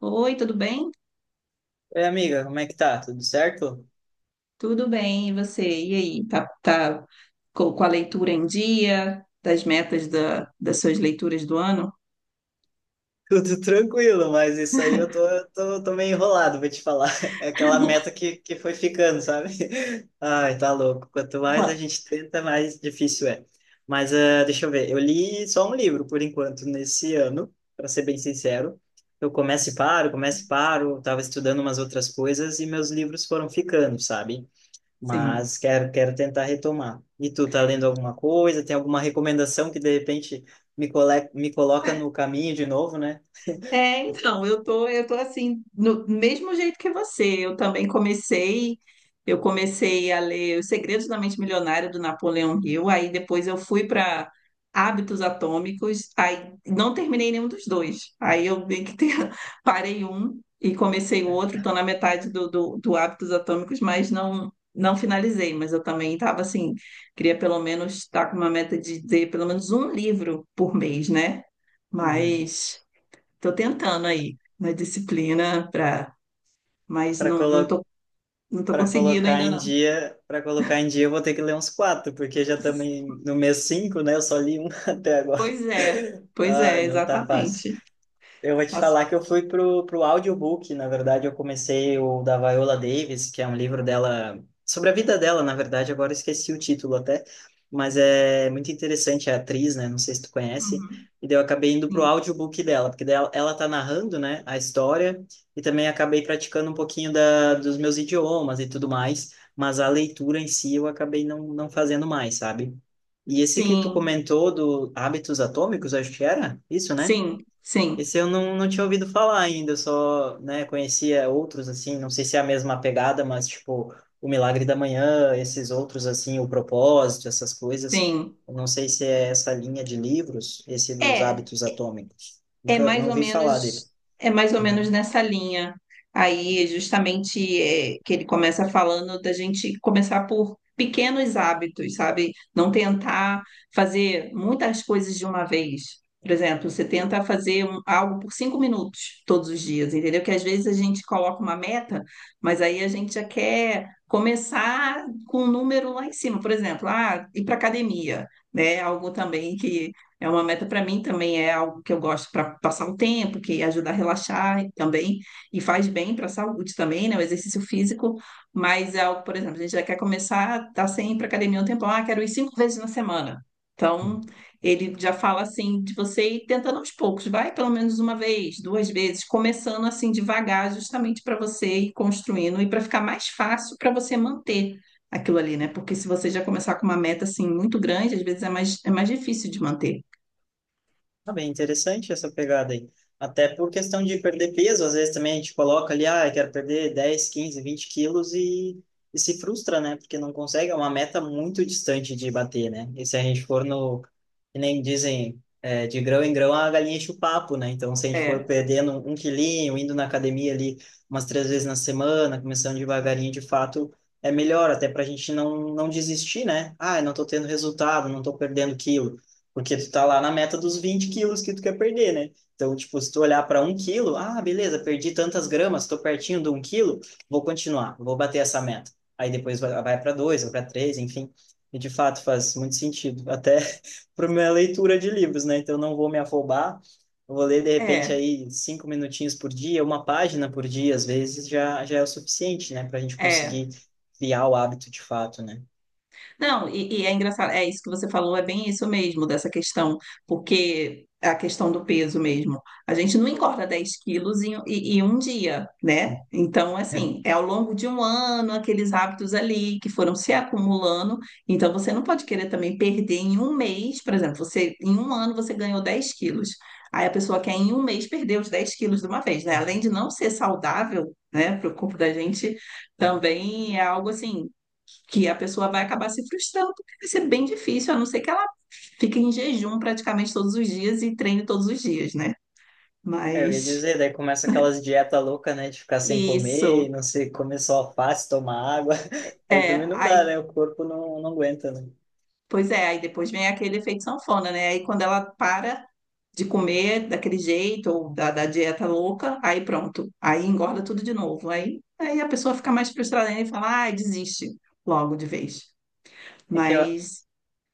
Oi, tudo bem? Oi, amiga, como é que tá? Tudo certo? Tudo bem, e você? E aí, com a leitura em dia, das suas leituras do ano? Tudo tranquilo, mas isso aí eu tô meio enrolado, vou te falar. É aquela meta que foi ficando, sabe? Ai, tá louco. Quanto mais a gente tenta, mais difícil é. Mas deixa eu ver, eu li só um livro por enquanto nesse ano, para ser bem sincero. Eu começo e paro, tava estudando umas outras coisas e meus livros foram ficando, sabe? Sim. Mas quero tentar retomar. E tu tá lendo alguma coisa? Tem alguma recomendação que de repente me coloca no caminho de novo, né? Eu tô assim, no mesmo jeito que você. Eu comecei a ler Os Segredos da Mente Milionária do Napoleão Hill, aí depois eu fui para Hábitos Atômicos, aí não terminei nenhum dos dois. Aí eu meio que parei um e comecei o outro, É. tô na metade do Hábitos Atômicos, mas não finalizei, mas eu também estava assim, queria pelo menos estar com uma meta de ter pelo menos um livro por mês, né? Uhum. Mas estou tentando aí uma disciplina para, mas Para colo... não tô para conseguindo colocar ainda em não. dia, para colocar em dia, eu vou ter que ler uns quatro, porque já no mês cinco, né? Eu só li um até agora. Pois é, pois Ah, é, não tá fácil. exatamente. Eu vou te Faço- falar que eu fui pro audiobook, na verdade, eu comecei o da Viola Davis, que é um livro dela, sobre a vida dela, na verdade, agora eu esqueci o título até, mas é muito interessante, é atriz, né, não sei se tu conhece, Uhum. e daí eu acabei indo pro audiobook dela, porque daí ela tá narrando, né, a história, e também acabei praticando um pouquinho dos meus idiomas e tudo mais, mas a leitura em si eu acabei não fazendo mais, sabe? E esse que tu Sim, comentou do Hábitos Atômicos, acho que era isso, né? sim, sim, Esse eu não, não tinha ouvido falar ainda, eu só, né, conhecia outros, assim, não sei se é a mesma pegada, mas, tipo, O Milagre da Manhã, esses outros, assim, O Propósito, essas sim, coisas, sim. eu não sei se é essa linha de livros, esse dos É, hábitos atômicos. é Nunca, mais não ou vi falar dele. menos, é mais ou Uhum. menos nessa linha. Que ele começa falando da gente começar por pequenos hábitos, sabe? Não tentar fazer muitas coisas de uma vez. Por exemplo, você tenta fazer algo por 5 minutos todos os dias, entendeu? Que às vezes a gente coloca uma meta, mas aí a gente já quer começar com um número lá em cima. Por exemplo, ah, ir para academia, né? Algo também é uma meta para mim também, é algo que eu gosto para passar o tempo, que ajuda a relaxar também, e faz bem para a saúde também, né? O exercício físico, mas é algo, por exemplo, a gente já quer começar, tá sem ir para academia um tempão, ah, quero ir 5 vezes na semana. Então, ele já fala assim de você ir tentando aos poucos, vai pelo menos uma vez, duas vezes, começando assim devagar, justamente para você ir construindo e para ficar mais fácil para você manter aquilo ali, né? Porque se você já começar com uma meta assim muito grande, às vezes é mais difícil de manter. Ah, bem interessante essa pegada aí. Até por questão de perder peso, às vezes também a gente coloca ali, ah, eu quero perder 10 15 20 quilos e se frustra, né? Porque não consegue, é uma meta muito distante de bater, né? E se a gente for que nem dizem, é, de grão em grão a galinha enche o papo, né? Então, se a gente for É, perdendo um quilinho, indo na academia ali umas três vezes na semana, começando devagarinho, de fato, é melhor, até para a gente não desistir, né? Ah, eu não tô tendo resultado, não tô perdendo quilo. Porque tu tá lá na meta dos 20 quilos que tu quer perder, né? Então, tipo, se tu olhar para um quilo, ah, beleza, perdi tantas gramas, tô pertinho de um quilo, vou continuar, vou bater essa meta. Aí depois vai para dois, vai para três, enfim. E de fato faz muito sentido, até para minha leitura de livros, né? Então, não vou me afobar, vou ler de repente é, aí cinco minutinhos por dia, uma página por dia, às vezes já é o suficiente, né? Para a gente é. conseguir criar o hábito de fato, né? Não, e é engraçado, é isso que você falou, é bem isso mesmo, dessa questão, porque a questão do peso mesmo. A gente não engorda 10 quilos em um dia, né? Então, assim, é ao longo de um ano, aqueles hábitos ali que foram se acumulando. Então, você não pode querer também perder em um mês, por exemplo, você em um ano você ganhou 10 quilos. Aí a pessoa quer em um mês perder os 10 quilos de uma vez, né? Além de não ser saudável, né, para o corpo da gente. É. Também é algo assim que a pessoa vai acabar se frustrando, porque vai ser bem difícil, a não ser que ela fique em jejum praticamente todos os dias e treine todos os dias, né? É, eu ia Mas dizer, daí começa aquelas dietas loucas, né? De ficar sem comer, isso. não sei, comer só alface, tomar água. Aí É, também não dá, aí, né? O corpo não aguenta, né? pois é, aí depois vem aquele efeito sanfona, né? Aí quando ela para de comer daquele jeito ou da dieta louca, aí pronto, aí engorda tudo de novo. Aí a pessoa fica mais frustrada ainda e fala, ai, desiste logo de vez. É que eu, Mas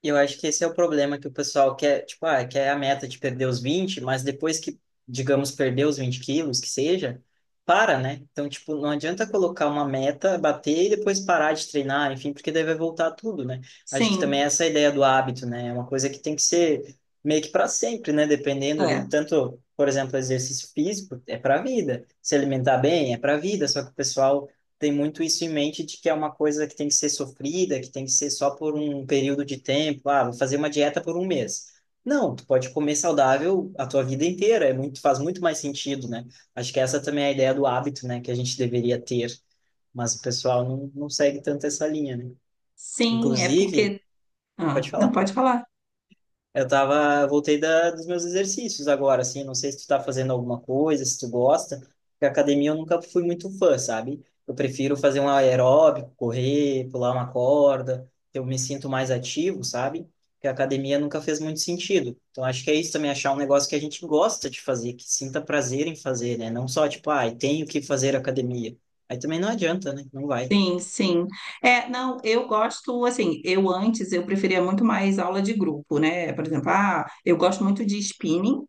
E eu acho que esse é o problema que o pessoal quer, tipo, ah, quer a meta de perder os 20 mas depois digamos, perder os 20 quilos, que seja, para, né? Então, tipo, não adianta colocar uma meta, bater e depois parar de treinar, enfim, porque daí vai voltar tudo, né? Acho que também sim, essa é a ideia do hábito, né? É uma coisa que tem que ser meio que para sempre, né? Dependendo ali, é. tanto, por exemplo, exercício físico é para a vida, se alimentar bem é para a vida, só que o pessoal tem muito isso em mente de que é uma coisa que tem que ser sofrida, que tem que ser só por um período de tempo. Ah, vou fazer uma dieta por um mês. Não, tu pode comer saudável a tua vida inteira, é muito, faz muito mais sentido, né? Acho que essa também é a ideia do hábito, né, que a gente deveria ter, mas o pessoal não segue tanto essa linha, né? Sim, é Inclusive, porque. pode Ah, não falar. pode falar. Eu tava, voltei dos meus exercícios agora, assim, não sei se tu tá fazendo alguma coisa, se tu gosta, porque academia eu nunca fui muito fã, sabe? Eu prefiro fazer um aeróbico, correr, pular uma corda, eu me sinto mais ativo, sabe? Porque a academia nunca fez muito sentido. Então acho que é isso também, achar um negócio que a gente gosta de fazer, que sinta prazer em fazer, né? Não só tipo, ai, tenho que fazer academia. Aí também não adianta, né? Não vai. Sim, sim. É, não, eu gosto, assim, eu preferia muito mais aula de grupo, né? Por exemplo, ah, eu gosto muito de spinning,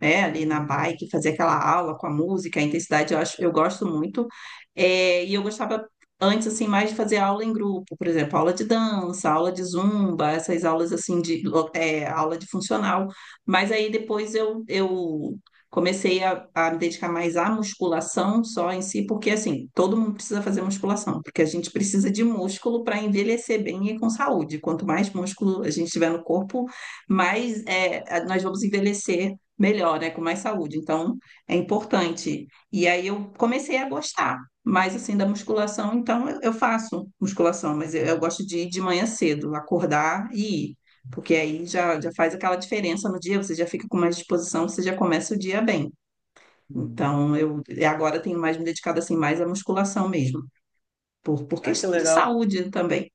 né? Ali na Uhum, bike, fazer aquela aula com a música, a intensidade, eu gosto muito. É, e eu gostava antes, assim, mais de fazer aula em grupo, por exemplo, aula de dança, aula de zumba, essas aulas, assim, aula de funcional. Mas aí depois eu comecei a me dedicar mais à musculação só em si, porque assim, todo mundo precisa fazer musculação, porque a gente precisa de músculo para envelhecer bem e com saúde. Quanto mais músculo a gente tiver no corpo, nós vamos envelhecer melhor, né, com mais saúde. Então, é importante. E aí eu comecei a gostar mais assim da musculação, então eu faço musculação, mas eu gosto de ir de manhã cedo, acordar e ir. Porque aí já faz aquela diferença no dia, você já fica com mais disposição, você já começa o dia bem. uhum. Então, eu e agora tenho mais me dedicado assim mais à musculação mesmo, por Ah, que questão de legal. saúde também.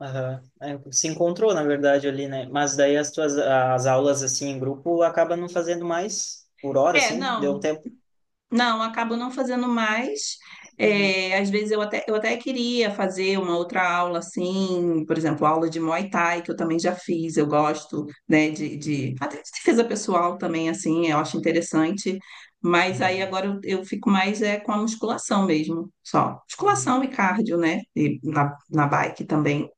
Aham. É, se encontrou, na verdade, ali, né? Mas daí as aulas, assim, em grupo, acaba não fazendo mais por hora, É, assim, deu um não, tempo. não, acabo não fazendo mais. Uhum. É, às vezes eu até queria fazer uma outra aula assim, por exemplo, aula de Muay Thai, que eu também já fiz, eu gosto, né, Uhum. De defesa pessoal também, assim, eu acho interessante, mas aí Uhum. agora eu fico com a musculação mesmo, só. Musculação e cardio, né, e na bike também,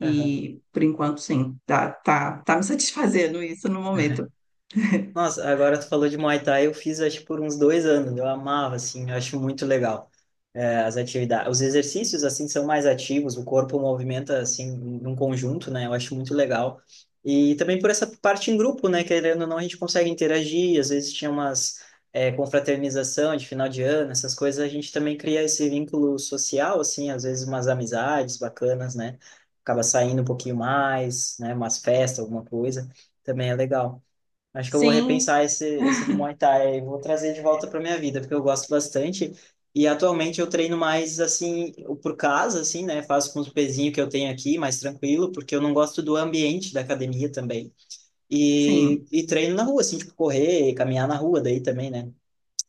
Uhum. por enquanto sim, tá me satisfazendo isso no momento. Nossa, agora tu falou de Muay Thai, eu fiz acho por uns dois anos, eu amava, assim, eu acho muito legal. É, as atividades, os exercícios, assim, são mais ativos, o corpo movimenta, assim, num conjunto, né, eu acho muito legal. E também por essa parte em grupo, né, querendo ou não, a gente consegue interagir, às vezes tinha umas confraternização de final de ano, essas coisas, a gente também cria esse vínculo social, assim, às vezes umas amizades bacanas, né, acaba saindo um pouquinho mais, né, umas festas, alguma coisa, também é legal. Acho que eu vou Sim, repensar esse do Muay Thai e vou trazer de volta para minha vida, porque eu gosto bastante. E atualmente eu treino mais assim, por casa, assim, né? Faço com os pezinhos que eu tenho aqui, mais tranquilo, porque eu não gosto do ambiente da academia também. sim, E treino na rua, assim, tipo, correr, caminhar na rua daí também, né?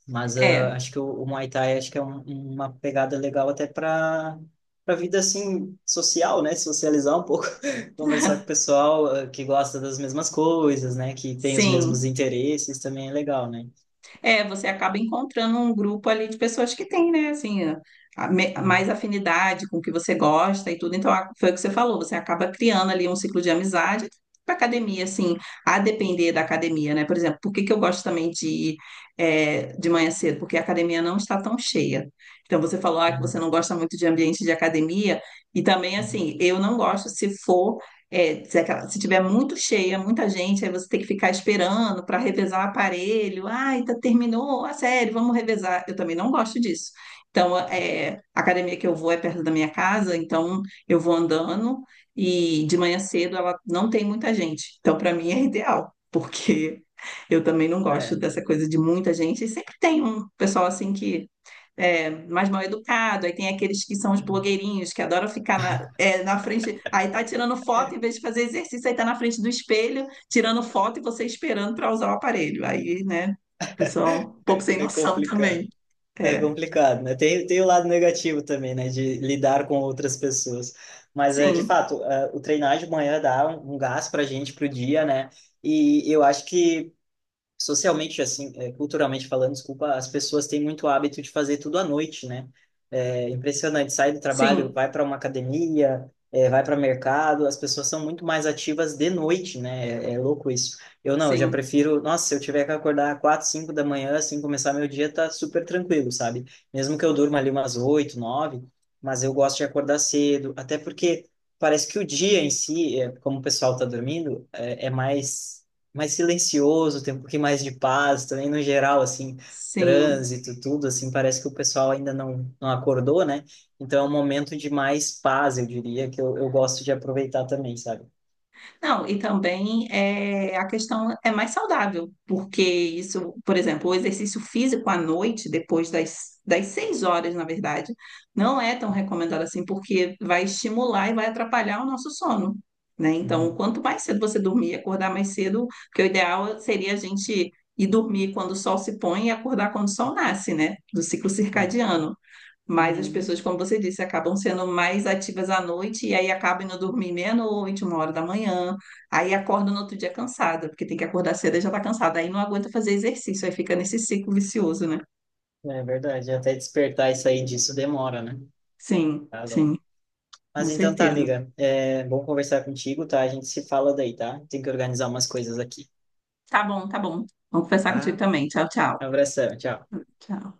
Mas é. acho que o Muay Thai acho que uma pegada legal até para vida assim social, né? Socializar um pouco, conversar com o pessoal que gosta das mesmas coisas, né? Que tem os mesmos Sim, interesses também é legal, né? é, você acaba encontrando um grupo ali de pessoas que têm, né, assim, Uhum, mais afinidade com o que você gosta e tudo. Então, foi o que você falou, você acaba criando ali um ciclo de amizade para academia, assim, a depender da academia, né? Por exemplo, por que que eu gosto também de ir de manhã cedo? Porque a academia não está tão cheia. Então, você falou, ah, que uhum, você não gosta muito de ambiente de academia, e também, uhum. assim, eu não gosto se for. É, se tiver muito cheia, muita gente, aí você tem que ficar esperando para revezar o aparelho. Ai, tá, terminou a sério vamos revezar. Eu também não gosto disso. Então, é, a academia que eu vou é perto da minha casa, então eu vou andando e de manhã cedo ela não tem muita gente. Então, para mim é ideal, porque eu também não gosto É, dessa coisa de muita gente. E sempre tem um pessoal assim que mais mal educado, aí tem aqueles que são os uhum. blogueirinhos que adoram ficar na frente, aí tá tirando foto em vez de fazer exercício, aí tá na frente do espelho tirando foto e você esperando para usar o aparelho. Aí, né, pessoal, um pouco sem É noção também. complicado. É É, complicado, né? Tem o lado negativo também, né? De lidar com outras pessoas. Mas, é, de sim, fato, o treinar de manhã dá um gás pra gente pro dia, né? E eu acho que socialmente assim, culturalmente falando, desculpa, as pessoas têm muito hábito de fazer tudo à noite, né? É impressionante, sai do trabalho, sim, vai para uma academia, vai para mercado, as pessoas são muito mais ativas de noite, né? É, é louco isso. Eu já sim, prefiro, nossa, se eu tiver que acordar quatro, cinco da manhã, assim, começar meu dia, tá super tranquilo, sabe? Mesmo que eu durma ali umas oito, nove, mas eu gosto de acordar cedo, até porque parece que o dia em si, como o pessoal tá dormindo, é mais mais silencioso, tem um pouquinho mais de paz também, no geral, assim, sim. trânsito, tudo, assim, parece que o pessoal ainda não acordou, né? Então é um momento de mais paz, eu diria, que eu gosto de aproveitar também, sabe? Não, e também é, a questão é mais saudável, porque isso, por exemplo, o exercício físico à noite, depois das 6 horas, na verdade, não é tão recomendado assim, porque vai estimular e vai atrapalhar o nosso sono, né? Então, Uhum. quanto mais cedo você dormir, e acordar mais cedo, porque o ideal seria a gente ir dormir quando o sol se põe e acordar quando o sol nasce, né? Do ciclo Sim. circadiano. Mas as Uhum. pessoas, como você disse, acabam sendo mais ativas à noite e aí acabam indo dormir meia-noite, uma hora da manhã. Aí acorda no outro dia cansada, porque tem que acordar cedo e já está cansada. Aí não aguenta fazer exercício, aí fica nesse ciclo vicioso, né? É verdade, até despertar e sair disso demora, né? Sim, Tá louco. sim, com Mas então tá, certeza. amiga, é bom conversar contigo, tá? A gente se fala daí, tá? Tem que organizar umas coisas aqui, Tá bom, tá bom. Vamos conversar contigo tá? também. Tchau, tchau. Abração, tchau. Tchau.